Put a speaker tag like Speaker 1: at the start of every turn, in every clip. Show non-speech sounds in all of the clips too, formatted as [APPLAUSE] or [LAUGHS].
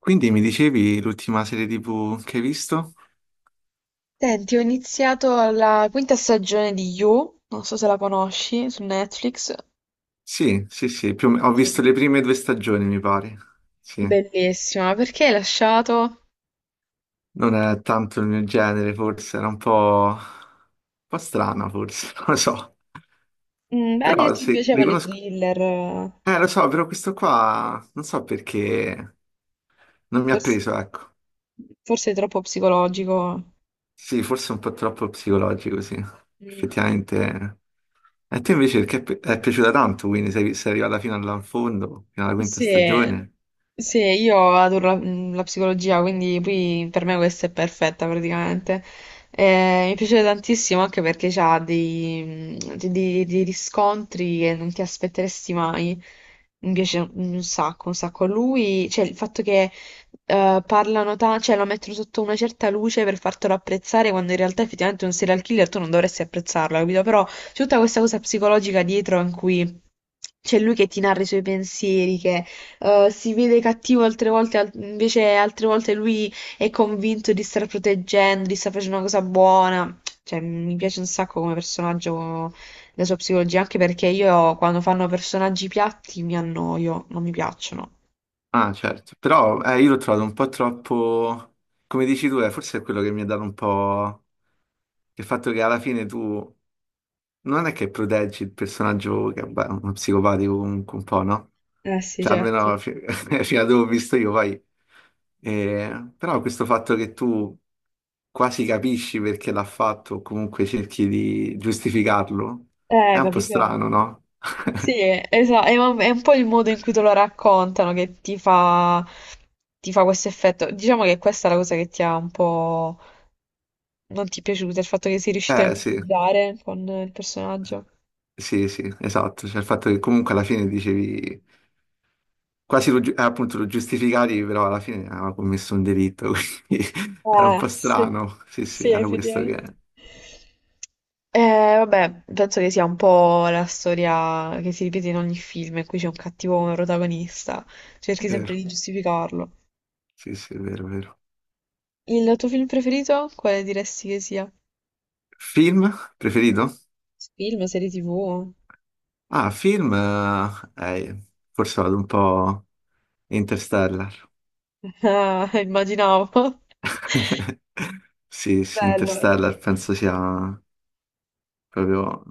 Speaker 1: Quindi mi dicevi l'ultima serie TV che hai visto?
Speaker 2: Senti, ho iniziato la quinta stagione di You, non so se la conosci, su Netflix.
Speaker 1: Sì, sì, sì, ho
Speaker 2: Ok.
Speaker 1: visto le prime due stagioni, mi pare. Sì,
Speaker 2: Bellissima, perché hai lasciato?
Speaker 1: non è tanto il mio genere, forse, era un po' strana, forse, [LAUGHS] non lo so.
Speaker 2: Beh, mi
Speaker 1: Però
Speaker 2: ti
Speaker 1: sì, li
Speaker 2: piacevano i
Speaker 1: conosco.
Speaker 2: thriller,
Speaker 1: Lo so, però questo qua non so perché non mi ha
Speaker 2: forse,
Speaker 1: preso, ecco.
Speaker 2: forse è troppo psicologico.
Speaker 1: Sì, forse un po' troppo psicologico, sì.
Speaker 2: Mm.
Speaker 1: Effettivamente. E te invece perché è piaciuta tanto, quindi sei arrivato in fondo, fino alla quinta
Speaker 2: Sì,
Speaker 1: stagione.
Speaker 2: sì, io adoro la psicologia, quindi poi per me questa è perfetta praticamente. Mi piace tantissimo anche perché c'ha dei riscontri che non ti aspetteresti mai. Mi piace un sacco, un sacco. Lui, cioè il fatto che parlano tanto, cioè lo mettono sotto una certa luce per fartelo apprezzare, quando in realtà effettivamente un serial killer tu non dovresti apprezzarlo, capito? Però c'è tutta questa cosa psicologica dietro in cui c'è lui che ti narra i suoi pensieri, che si vede cattivo altre volte, invece altre volte lui è convinto di star proteggendo, di star facendo una cosa buona. Cioè, mi piace un sacco come personaggio la sua psicologia, anche perché io quando fanno personaggi piatti mi annoio, non mi piacciono.
Speaker 1: Ah, certo, però io l'ho trovato un po' troppo, come dici tu, forse è quello che mi ha dato un po' il fatto che alla fine tu non è che proteggi il personaggio che vabbè, è uno psicopatico comunque un po', no?
Speaker 2: Eh sì,
Speaker 1: Cioè
Speaker 2: certo.
Speaker 1: almeno [LAUGHS] fino a dove ho visto io poi. Però questo fatto che tu quasi capisci perché l'ha fatto o comunque cerchi di giustificarlo è un po'
Speaker 2: Capito?
Speaker 1: strano, no? [LAUGHS]
Speaker 2: Sì, esatto, un è un po' il modo in cui te lo raccontano che ti fa questo effetto. Diciamo che questa è la cosa che ti ha un po' non ti è piaciuta, il fatto che sei riuscito a
Speaker 1: Eh sì,
Speaker 2: empatizzare con il personaggio.
Speaker 1: sì, sì, esatto. Cioè il fatto che comunque alla fine dicevi. Quasi appunto lo giustificavi, però alla fine aveva commesso un delitto, [LAUGHS] quindi era un po'
Speaker 2: Sì,
Speaker 1: strano. Sì, sì,
Speaker 2: sì,
Speaker 1: era questo che
Speaker 2: effettivamente.
Speaker 1: è
Speaker 2: Vabbè, penso che sia un po' la storia che si ripete in ogni film in cui c'è un cattivo protagonista. Cerchi sempre
Speaker 1: vero.
Speaker 2: di giustificarlo.
Speaker 1: Sì, sì, è vero, è vero.
Speaker 2: Il tuo film preferito? Quale diresti che sia?
Speaker 1: Film preferito?
Speaker 2: Film, serie TV?
Speaker 1: Ah, film, forse vado un po' Interstellar.
Speaker 2: Ah, [LAUGHS] immaginavo.
Speaker 1: [LAUGHS] Sì, sì,
Speaker 2: Bello.
Speaker 1: Interstellar penso sia proprio...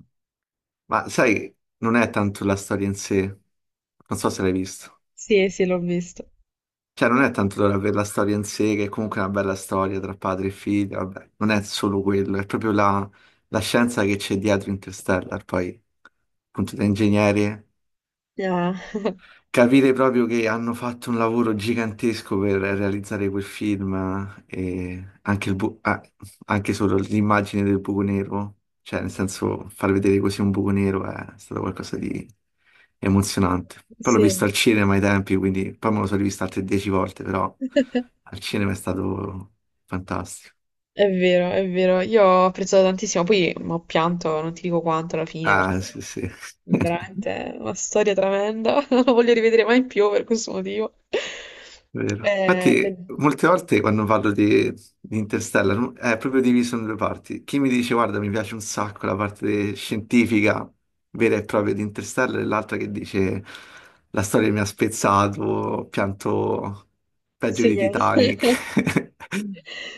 Speaker 1: Ma sai, non è tanto la storia in sé, non so se l'hai visto.
Speaker 2: Sì, sì, l'ho visto.
Speaker 1: Cioè, non è tanto dover avere la storia in sé, che è comunque una bella storia tra padre e figlio, vabbè, non è solo quello, è proprio la scienza che c'è dietro Interstellar, poi appunto da ingegneri.
Speaker 2: Ah,
Speaker 1: Capire proprio che hanno fatto un lavoro gigantesco per realizzare quel film e anche, anche solo l'immagine del buco nero, cioè nel senso far vedere così un buco nero è stato qualcosa di emozionante. Poi l'ho visto al
Speaker 2: sì.
Speaker 1: cinema ai tempi, quindi poi me lo sono rivisto altre dieci volte, però
Speaker 2: [LAUGHS]
Speaker 1: al cinema è stato fantastico.
Speaker 2: È vero, è vero. Io ho apprezzato tantissimo. Poi ho pianto, non ti dico quanto alla fine,
Speaker 1: Ah,
Speaker 2: perché
Speaker 1: sì, sì. [LAUGHS]
Speaker 2: veramente è una storia tremenda. [LAUGHS] Non lo voglio rivedere mai più per questo motivo.
Speaker 1: Vero.
Speaker 2: Beh,
Speaker 1: Infatti, molte volte quando parlo di Interstellar no? È proprio diviso in due parti. Chi mi dice, guarda, mi piace un sacco la parte scientifica vera e propria di Interstellar, e l'altra che dice, la storia mi ha spezzato, ho pianto peggio
Speaker 2: sì.
Speaker 1: di
Speaker 2: [LAUGHS]
Speaker 1: Titanic. [LAUGHS]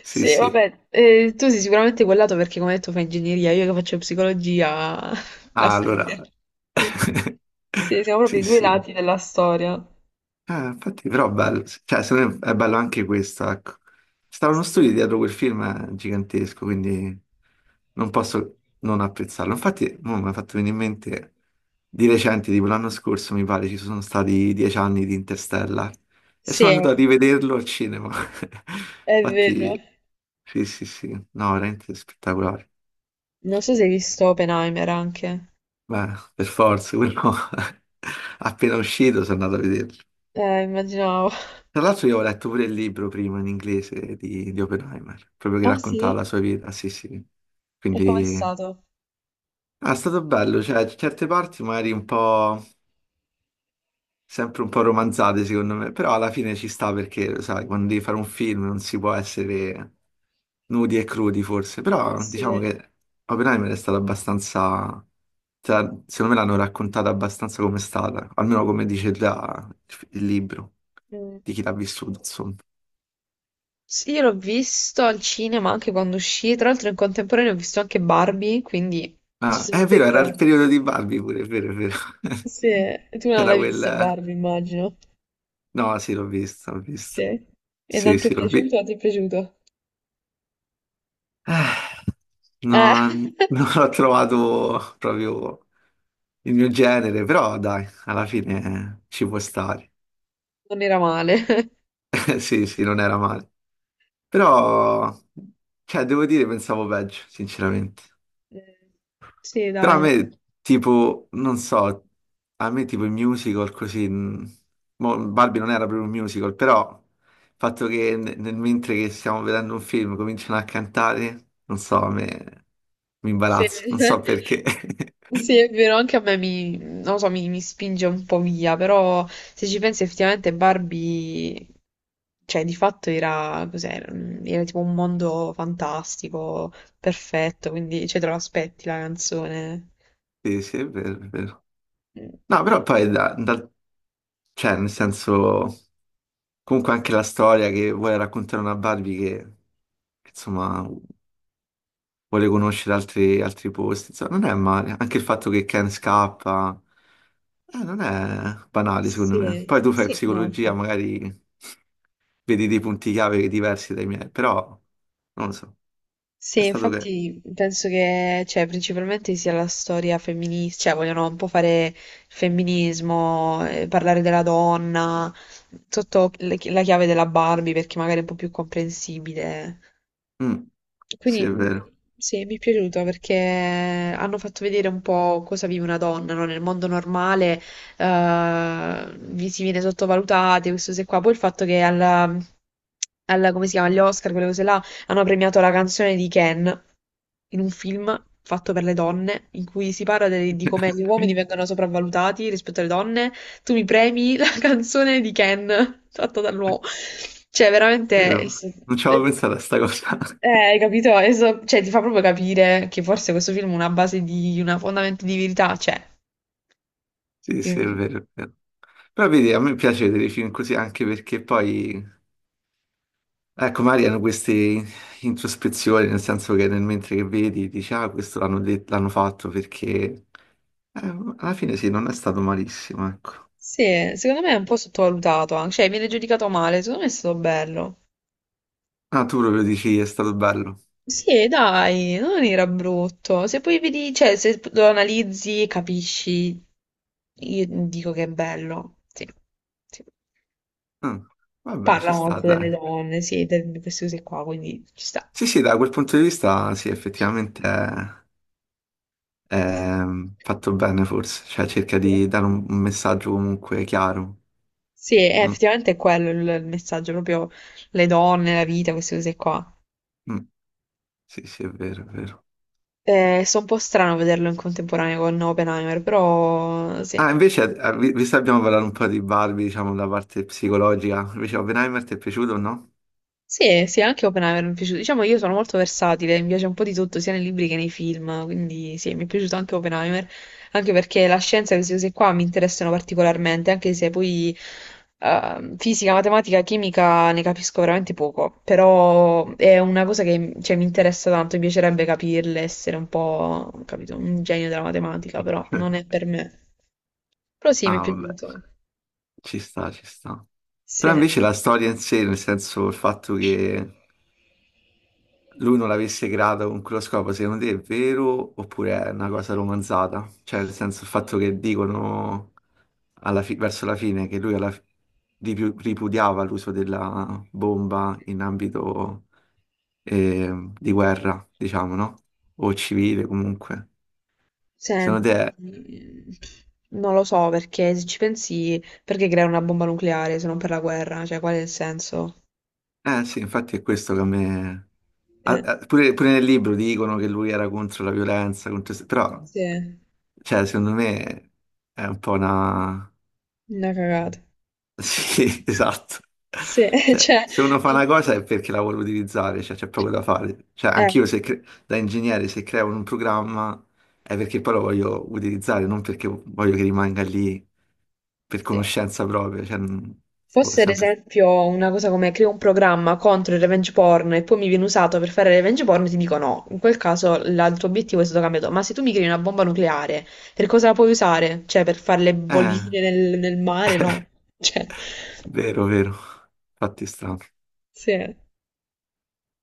Speaker 1: Sì,
Speaker 2: Sì,
Speaker 1: sì.
Speaker 2: vabbè, tu sei sicuramente quel lato perché come hai detto fai ingegneria, io che faccio psicologia, [LAUGHS] la
Speaker 1: Ah,
Speaker 2: storia.
Speaker 1: allora.
Speaker 2: Quindi,
Speaker 1: [LAUGHS]
Speaker 2: sì, siamo proprio
Speaker 1: Sì,
Speaker 2: i due
Speaker 1: sì.
Speaker 2: lati della storia.
Speaker 1: Infatti, però è bello, cioè, secondo me è bello anche questo, ecco. Stava uno
Speaker 2: Sì,
Speaker 1: studio
Speaker 2: eh.
Speaker 1: dietro quel film gigantesco, quindi non posso non apprezzarlo. Infatti, mo mi ha fatto venire in mente di recente, tipo l'anno scorso, mi pare, ci sono stati dieci anni di Interstellar e
Speaker 2: Sì,
Speaker 1: sono andato a rivederlo al cinema. [LAUGHS]
Speaker 2: è vero.
Speaker 1: Infatti, sì, sì, sì, no, veramente spettacolare.
Speaker 2: Non so se hai visto Oppenheimer anche.
Speaker 1: Beh, per forza, quello [LAUGHS] appena uscito sono andato a vederlo.
Speaker 2: Immaginavo. [LAUGHS]
Speaker 1: Tra l'altro io ho letto pure il libro prima in inglese di Oppenheimer, proprio che
Speaker 2: Ah sì?
Speaker 1: raccontava la sua vita, sì sì.
Speaker 2: E com'è
Speaker 1: Quindi
Speaker 2: stato?
Speaker 1: ah, è stato bello, cioè certe parti magari sempre un po' romanzate secondo me, però alla fine ci sta perché, lo sai, quando devi fare un film non si può essere nudi e crudi forse, però diciamo
Speaker 2: Sì.
Speaker 1: che Oppenheimer è stata abbastanza, cioè, secondo me l'hanno raccontata abbastanza come è stata, almeno come dice già il libro,
Speaker 2: Mm.
Speaker 1: di chi l'ha vissuto, insomma.
Speaker 2: Sì, io l'ho visto al cinema anche quando uscì. Tra l'altro in contemporanea ho visto anche Barbie, quindi... Ci
Speaker 1: Ah,
Speaker 2: sono
Speaker 1: è
Speaker 2: un
Speaker 1: vero, era il
Speaker 2: periodo.
Speaker 1: periodo di Barbie pure, è vero, è vero.
Speaker 2: Sì,
Speaker 1: [LAUGHS]
Speaker 2: e tu non
Speaker 1: C'era
Speaker 2: l'hai vista
Speaker 1: quel...
Speaker 2: Barbie, immagino.
Speaker 1: No, sì, l'ho visto, l'ho visto.
Speaker 2: Sì. E non
Speaker 1: Sì,
Speaker 2: ti è
Speaker 1: sì, l'ho
Speaker 2: piaciuto
Speaker 1: visto.
Speaker 2: o ti è piaciuto? Eh,
Speaker 1: No, non
Speaker 2: [LAUGHS]
Speaker 1: l'ho trovato proprio il mio genere, però dai, alla fine ci può stare.
Speaker 2: non era male.
Speaker 1: [LAUGHS] Sì, sì, non era male. Però, cioè, devo dire, pensavo peggio, sinceramente.
Speaker 2: Eh, Sì,
Speaker 1: Però a
Speaker 2: dai. Dai.
Speaker 1: me, tipo, non so, a me tipo i musical così... mo Barbie non era proprio un musical, però il fatto che nel mentre che stiamo vedendo un film cominciano a cantare, non so, a me mi
Speaker 2: Sì.
Speaker 1: imbarazzo, non so
Speaker 2: [LAUGHS]
Speaker 1: perché.
Speaker 2: Sì,
Speaker 1: [LAUGHS]
Speaker 2: è vero, anche a me mi, non lo so, mi spinge un po' via, però se ci pensi effettivamente Barbie, cioè di fatto era, cos'era? Era tipo un mondo fantastico, perfetto, quindi cioè, te lo aspetti la canzone.
Speaker 1: Sì, sì, è vero, è vero.
Speaker 2: Mm,
Speaker 1: No, però poi, cioè, nel senso, comunque anche la storia che vuole raccontare una Barbie che, insomma... vuole conoscere altri posti. Insomma, non è male. Anche il fatto che Ken scappa, non è banale, secondo me.
Speaker 2: Sì,
Speaker 1: Poi tu fai
Speaker 2: sì, no,
Speaker 1: psicologia,
Speaker 2: infatti.
Speaker 1: magari vedi dei punti chiave diversi dai miei, però non lo so. È
Speaker 2: Sì,
Speaker 1: stato che...
Speaker 2: infatti penso che, cioè, principalmente sia la storia femminista, cioè vogliono un po' fare il femminismo, parlare della donna, sotto la chiave della Barbie perché magari è un po' più comprensibile.
Speaker 1: Mm, sì,
Speaker 2: Quindi
Speaker 1: è vero,
Speaker 2: sì, mi è piaciuto perché hanno fatto vedere un po' cosa vive una donna, no? Nel mondo normale vi si viene sottovalutate, questo se qua. Poi il fatto che come si chiama, agli Oscar, quelle cose là, hanno premiato la canzone di Ken in un film fatto per le donne, in cui si parla di come gli uomini vengono sopravvalutati rispetto alle donne. Tu mi premi, [LAUGHS] Canzone di Ken, fatta dall'uomo. Cioè, veramente,
Speaker 1: vero. Non ci
Speaker 2: è-
Speaker 1: avevo pensato a sta cosa.
Speaker 2: eh,
Speaker 1: [LAUGHS]
Speaker 2: hai capito? Cioè, ti fa proprio capire che forse questo film ha una base di una fondamento di verità, cioè.
Speaker 1: Sì, sì, è
Speaker 2: quindi-
Speaker 1: vero, è vero. Però vedi, a me piace vedere i film così anche perché poi ecco, magari hanno queste introspezioni, nel senso che nel mentre che vedi dici, ah, questo l'hanno fatto perché alla fine sì, non è stato malissimo, ecco.
Speaker 2: Sì, secondo me è un po' sottovalutato, anche. Cioè, viene giudicato male, secondo me è stato bello.
Speaker 1: Ah, tu proprio dici è stato bello.
Speaker 2: Sì, dai, non era brutto. Se poi vedi, cioè, se lo analizzi e capisci, io dico che è bello. Sì. Sì.
Speaker 1: Mm, vabbè, ci
Speaker 2: Parla
Speaker 1: sta,
Speaker 2: molto delle
Speaker 1: dai.
Speaker 2: donne, sì, di queste cose qua, quindi ci sta.
Speaker 1: Sì, sì, da quel punto di vista, sì, effettivamente è fatto bene forse, cioè cerca
Speaker 2: Sì,
Speaker 1: di dare un messaggio comunque chiaro.
Speaker 2: sì, è
Speaker 1: Non-
Speaker 2: effettivamente è quello il messaggio, proprio le donne, la vita, queste cose qua.
Speaker 1: mm, sì, sì, è vero, è vero.
Speaker 2: So un po' strano vederlo in contemporanea con Oppenheimer, però sì.
Speaker 1: Ah, invece, visto che abbiamo parlato un po' di Barbie, diciamo, la parte psicologica, invece Oppenheimer ti è piaciuto o no?
Speaker 2: Sì, sì, anche Oppenheimer mi è piaciuto. Diciamo che io sono molto versatile, mi piace un po' di tutto, sia nei libri che nei film, quindi sì, mi è piaciuto anche Oppenheimer, anche perché la scienza e queste cose qua mi interessano particolarmente, anche se poi fisica, matematica, chimica ne capisco veramente poco, però è una cosa che cioè, mi interessa tanto, mi piacerebbe capirle, essere un po', capito, un genio della matematica, però non è
Speaker 1: [LAUGHS]
Speaker 2: per me. Però sì, mi è
Speaker 1: Ah, vabbè,
Speaker 2: piaciuto.
Speaker 1: ci sta, ci sta. Però
Speaker 2: Sì.
Speaker 1: invece la storia in sé, nel senso il fatto che lui non l'avesse creata con quello scopo, secondo te è vero oppure è una cosa romanzata? Cioè, nel senso il fatto che dicono verso la fine che lui alla fi- ripu- ripudiava l'uso della bomba in ambito di guerra, diciamo, no? O civile comunque. Secondo
Speaker 2: Senti,
Speaker 1: te,
Speaker 2: non lo so perché se ci pensi, perché creare una bomba nucleare se non per la guerra? Cioè, qual è il senso?
Speaker 1: eh sì, infatti è questo che a me...
Speaker 2: Eh,
Speaker 1: pure, pure nel libro dicono che lui era contro la violenza, contro... però,
Speaker 2: sì,
Speaker 1: cioè, secondo me è un po' una...
Speaker 2: una cagata.
Speaker 1: Sì, [LAUGHS] esatto.
Speaker 2: Sì, [LAUGHS]
Speaker 1: Cioè,
Speaker 2: cioè,
Speaker 1: se uno fa una cosa è perché la vuole utilizzare, cioè c'è poco da fare. Cioè,
Speaker 2: eh,
Speaker 1: anch'io se da ingegnere se creo un programma è perché poi lo voglio utilizzare, non perché voglio che rimanga lì per
Speaker 2: sì.
Speaker 1: conoscenza propria. Cioè, non- boh,
Speaker 2: Fosse ad
Speaker 1: sempre...
Speaker 2: esempio una cosa come creo un programma contro il revenge porn e poi mi viene usato per fare il revenge porn, ti dico no. In quel caso il tuo obiettivo è stato cambiato. Ma se tu mi crei una bomba nucleare, per cosa la puoi usare? Cioè, per fare le
Speaker 1: Eh,
Speaker 2: bollicine nel mare? No. Cioè,
Speaker 1: vero, vero. Fatti strano.
Speaker 2: sì.